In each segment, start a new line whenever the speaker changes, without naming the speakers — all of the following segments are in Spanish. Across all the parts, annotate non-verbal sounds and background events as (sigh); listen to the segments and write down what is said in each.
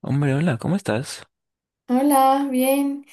Hombre, hola, ¿cómo estás?
Hola, bien.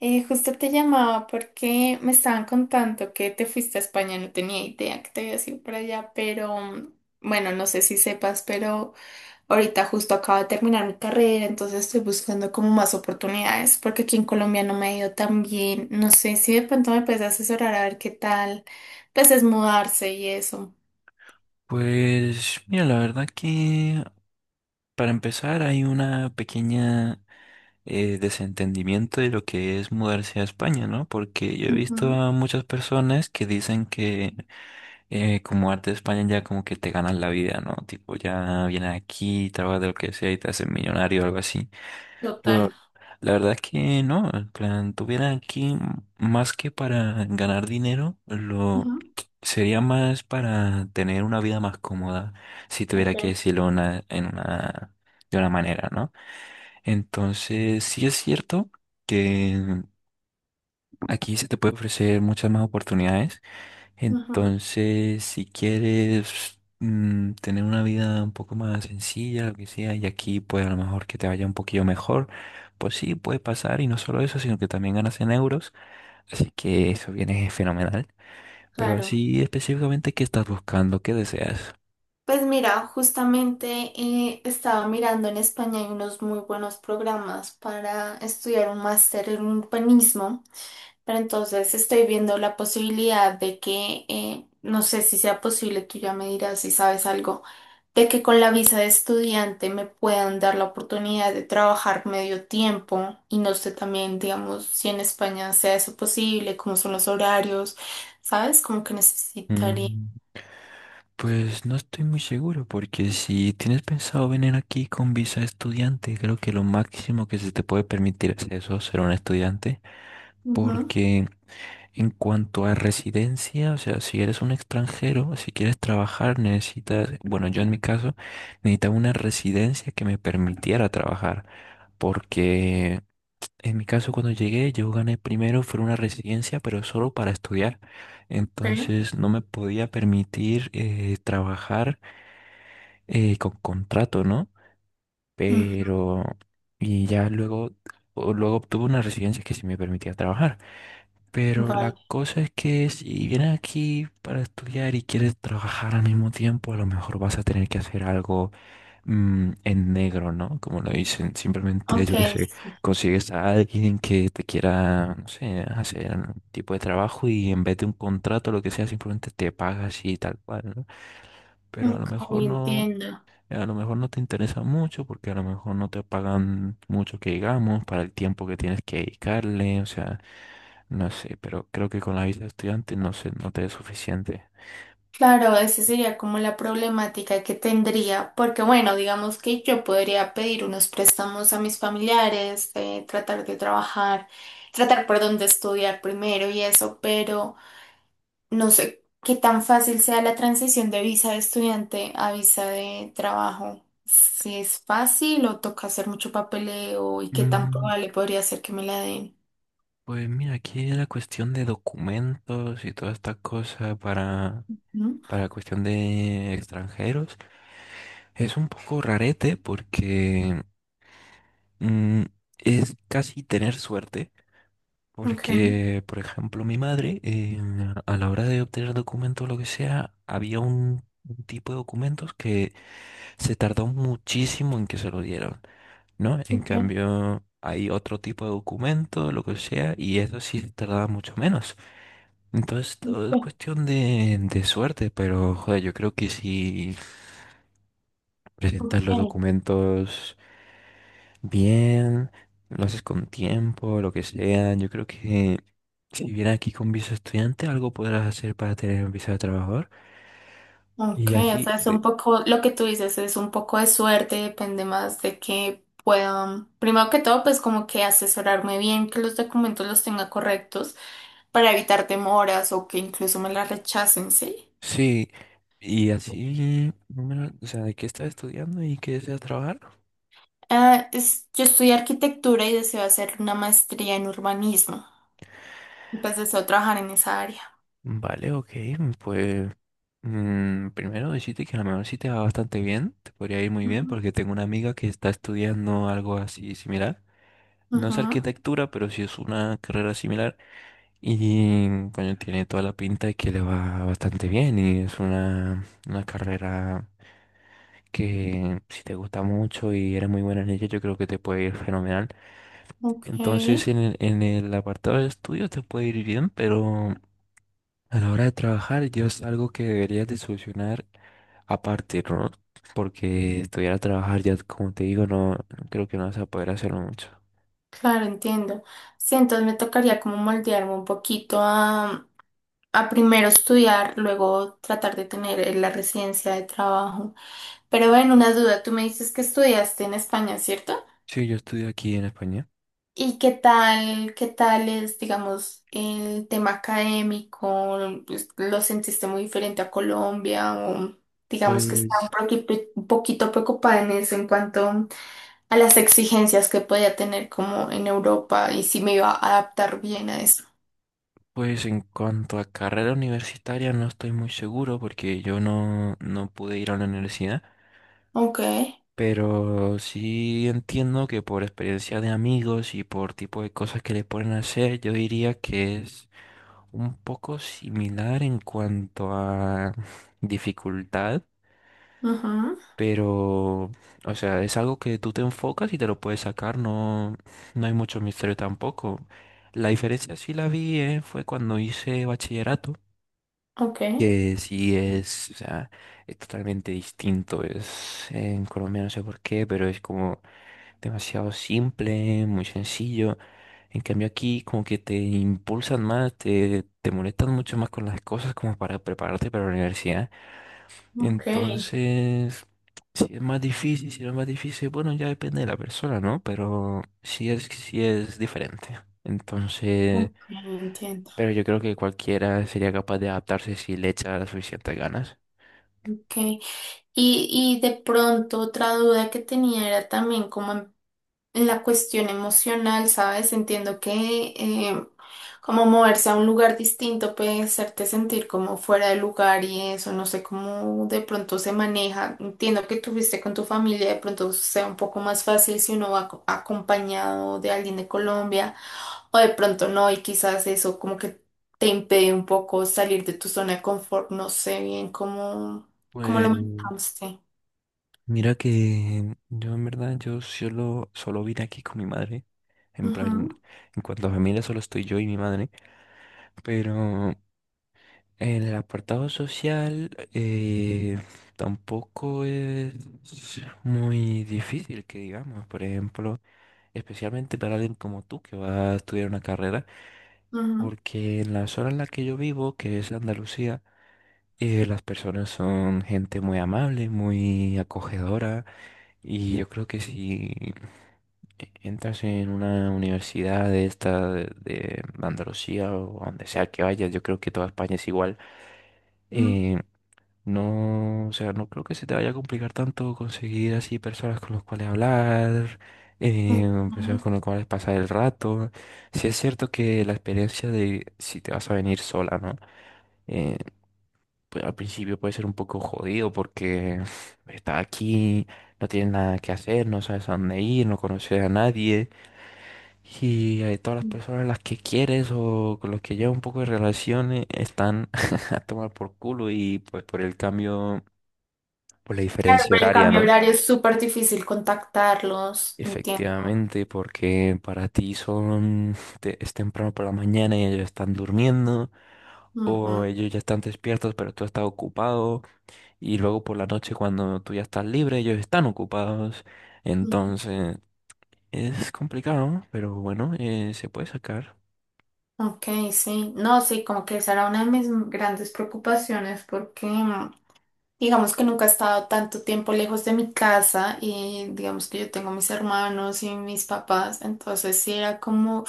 Justo te llamaba porque me estaban contando que te fuiste a España, no tenía idea que te habías ido para allá, pero bueno, no sé si sepas, pero ahorita justo acabo de terminar mi carrera, entonces estoy buscando como más oportunidades porque aquí en Colombia no me ha ido tan bien. No sé si de pronto me puedes asesorar a ver qué tal, pues es mudarse y eso.
Pues mira, la verdad que para empezar hay una pequeña desentendimiento de lo que es mudarse a España, ¿no? Porque yo he visto
Ujú.
a muchas personas que dicen que como arte de España ya como que te ganas la vida, ¿no? Tipo, ya vienes aquí, trabajas de lo que sea y te haces millonario o algo así.
Total.
Pero la verdad es que no, en plan, tuviera aquí más que para ganar dinero, lo
Ujú.
sería más para tener una vida más cómoda, si tuviera
Ok.
que decirlo una, en una, de una manera, ¿no? Entonces, sí es cierto que aquí se te puede ofrecer muchas más oportunidades.
Ujú.
Entonces, si quieres tener una vida un poco más sencilla, lo que sea, y aquí pues a lo mejor que te vaya un poquillo mejor, pues sí, puede pasar, y no solo eso, sino que también ganas en euros, así que eso viene (laughs) fenomenal. Pero
Claro.
así específicamente, ¿qué estás buscando? ¿Qué deseas?
Pues mira, justamente estaba mirando en España hay unos muy buenos programas para estudiar un máster en urbanismo, pero entonces estoy viendo la posibilidad de que, no sé si sea posible, tú ya me dirás si sabes algo, de que con la visa de estudiante me puedan dar la oportunidad de trabajar medio tiempo y no sé también, digamos, si en España sea eso posible, cómo son los horarios, ¿sabes? Como que necesitaría.
Mm, Pues no estoy muy seguro, porque si tienes pensado venir aquí con visa estudiante, creo que lo máximo que se te puede permitir es eso, ser un estudiante,
Ujú.
porque en cuanto a residencia, o sea, si eres un extranjero, si quieres trabajar, necesitas, bueno, yo en mi caso, necesitaba una residencia que me permitiera trabajar, porque en mi caso cuando llegué, yo gané primero, fue una residencia, pero solo para estudiar,
Ok.
entonces no me podía permitir trabajar con contrato, ¿no?
Ujú.
Pero, y ya luego, luego obtuve una residencia que sí me permitía trabajar. Pero la
Vale.
cosa es que si vienes aquí para estudiar y quieres trabajar al mismo tiempo, a lo mejor vas a tener que hacer algo en negro, ¿no? Como lo dicen, simplemente,
Ok.
yo qué sé,
Sí.
consigues a alguien que te quiera, no sé, hacer un tipo de trabajo y en vez de un contrato, lo que sea, simplemente te pagas y tal cual, ¿no? Pero a lo
Ok,
mejor no,
entiendo.
a lo mejor no te interesa mucho porque a lo mejor no te pagan mucho que digamos para el tiempo que tienes que dedicarle, o sea. No sé, pero creo que con la visa de estudiante no sé, no te es suficiente.
Claro, esa sería como la problemática que tendría, porque bueno, digamos que yo podría pedir unos préstamos a mis familiares, tratar de trabajar, tratar, perdón, de estudiar primero y eso, pero no sé qué tan fácil sea la transición de visa de estudiante a visa de trabajo. Si es fácil o toca hacer mucho papeleo y qué tan
Mm,
probable podría ser que me la den.
Pues mira, aquí la cuestión de documentos y toda esta cosa
¿Mm?
para cuestión de extranjeros es un poco rarete porque mm, es casi tener suerte.
Ok.
Porque, por ejemplo, mi madre, a la hora de obtener documentos o lo que sea, había un tipo de documentos que se tardó muchísimo en que se lo dieron. ¿No? En
Ok.
cambio, hay otro tipo de documento, lo que sea, y eso sí tardaba mucho menos. Entonces, todo es
Ok.
cuestión de suerte, pero joder, yo creo que si presentas los
Ok.
documentos bien, lo haces con tiempo, lo que sea, yo creo que si vienes aquí con visa estudiante, algo podrás hacer para tener visa de trabajador.
Ok,
Y
o
así,
sea, es
de,
un poco, lo que tú dices es un poco de suerte, depende más de que puedan, primero que todo, pues como que asesorarme bien, que los documentos los tenga correctos para evitar demoras o que incluso me las rechacen, ¿sí?
sí, y así, no, o sea, de qué estás estudiando y qué deseas trabajar.
Ah, yo estudié arquitectura y deseo hacer una maestría en urbanismo, y pues deseo trabajar en esa área.
Vale, ok, pues primero decirte que a lo mejor sí te va bastante bien, te podría ir muy bien
Ujú.
porque tengo una amiga que está estudiando algo así similar, no es
Ujú.
arquitectura, pero sí es una carrera similar y coño, tiene toda la pinta de que le va bastante bien y es una carrera que si te gusta mucho y eres muy buena en ella, yo creo que te puede ir fenomenal.
Ok.
Entonces en el apartado de estudios te puede ir bien, pero a la hora de trabajar, yo es algo que deberías de solucionar aparte, ¿no? Porque estudiar a trabajar, ya como te digo, no creo que no vas a poder hacerlo mucho.
Claro, entiendo. Sí, entonces me tocaría como moldearme un poquito a primero estudiar, luego tratar de tener la residencia de trabajo. Pero bueno, una duda, tú me dices que estudiaste en España, ¿cierto?
Sí, yo estudio aquí en España.
¿Y qué tal es, digamos, el tema académico? Pues, ¿lo sentiste muy diferente a Colombia? O digamos que estaba
Pues,
un poquito preocupada en eso en cuanto a las exigencias que podía tener como en Europa y si me iba a adaptar bien a eso.
pues en cuanto a carrera universitaria, no estoy muy seguro porque yo no, no pude ir a la universidad.
Ok.
Pero sí entiendo que por experiencia de amigos y por tipo de cosas que le pueden hacer, yo diría que es un poco similar en cuanto a (laughs) dificultad,
Ujú.
pero, o sea, es algo que tú te enfocas y te lo puedes sacar, no, no hay mucho misterio tampoco. La diferencia sí la vi, fue cuando hice bachillerato,
Ok.
que sí es, o sea, es totalmente distinto. Es, en Colombia no sé por qué, pero es como demasiado simple, muy sencillo. En cambio aquí como que te impulsan más, te molestan mucho más con las cosas como para prepararte para la universidad.
Ok.
Entonces, si es más difícil, si no es más difícil, bueno, ya depende de la persona, ¿no? Pero sí es diferente. Entonces,
Ok, entiendo.
pero yo creo que cualquiera sería capaz de adaptarse si le echa las suficientes ganas.
Okay. Y de pronto otra duda que tenía era también como en la cuestión emocional, ¿sabes? Entiendo que como moverse a un lugar distinto puede hacerte sentir como fuera de lugar y eso, no sé cómo de pronto se maneja. Entiendo que tuviste con tu familia, de pronto sea un poco más fácil si uno va acompañado de alguien de Colombia. O de pronto no, y quizás eso como que te impide un poco salir de tu zona de confort. No sé bien cómo lo
Pues
manejaste.
mira que yo en verdad yo solo, solo vine aquí con mi madre. En plan,
Ujú.
en cuanto a familia solo estoy yo y mi madre. Pero en el apartado social tampoco es muy difícil que digamos. Por ejemplo, especialmente para alguien como tú que va a estudiar una carrera.
Ujú.
Porque en la zona en la que yo vivo, que es Andalucía, las personas son gente muy amable, muy acogedora. Y yo creo que si entras en una universidad de esta de Andalucía o a donde sea que vayas, yo creo que toda España es igual.
Ujú.
Eh, no, o sea, no creo que se te vaya a complicar tanto conseguir así personas con las cuales hablar, eh, personas
Ok.
con las cuales pasar el rato. Sí es cierto que la experiencia de si te vas a venir sola, ¿no? Eh, pues, al principio puede ser un poco jodido porque (sighs) estás aquí, no tienes nada que hacer, no sabes a dónde ir, no conoces a nadie y todas las personas a las que quieres o con las que llevas un poco de relaciones están (laughs) a tomar por culo y pues por el cambio, por la
Claro,
diferencia
pero el
horaria,
cambio
¿no?
horario es súper difícil contactarlos, entiendo.
Efectivamente, porque para ti son, (sighs) es temprano por la mañana y ellos están durmiendo
Ujú.
o ellos ya están despiertos pero tú estás ocupado. Y luego por la noche cuando tú ya estás libre, ellos están ocupados.
Ujú.
Entonces es complicado, ¿no? Pero bueno, se puede sacar.
Ok, sí. No, sí, como que esa era una de mis grandes preocupaciones porque digamos que nunca he estado tanto tiempo lejos de mi casa y digamos que yo tengo mis hermanos y mis papás, entonces sí era como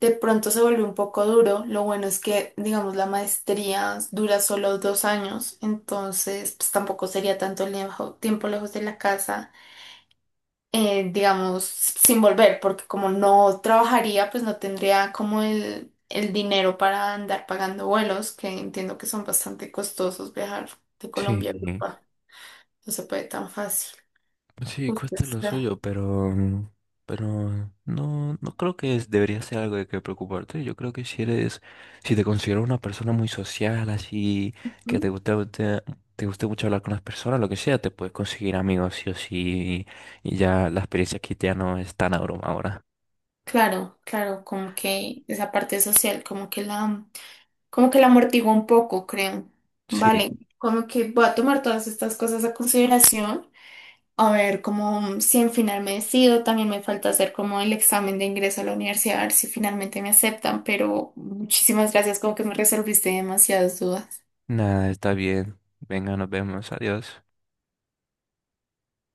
de pronto se volvió un poco duro. Lo bueno es que, digamos, la maestría dura solo 2 años, entonces pues tampoco sería tanto tiempo lejos de la casa, digamos, sin volver, porque como no trabajaría, pues no tendría como el dinero para andar pagando vuelos, que entiendo que son bastante costosos viajar de
Sí,
Colombia a Europa. No se puede tan fácil.
sí,
Justo
cuesta lo
está.
suyo, pero, pero no, no creo que debería ser algo de que preocuparte. Yo creo que si eres, si te considero una persona muy social, así, que te
Ujú.
gusta, te guste mucho hablar con las personas, lo que sea, te puedes conseguir amigos sí o sí, y ya la experiencia aquí ya no es tan abrumadora.
Claro, claro, como que esa parte social, como que la amortigua un poco, creo. Vale,
Sí,
como que voy a tomar todas estas cosas a consideración, a ver como si en final me decido, también me falta hacer como el examen de ingreso a la universidad, a ver si finalmente me aceptan, pero muchísimas gracias, como que me resolviste demasiadas dudas.
nada, está bien. Venga, nos vemos. Adiós.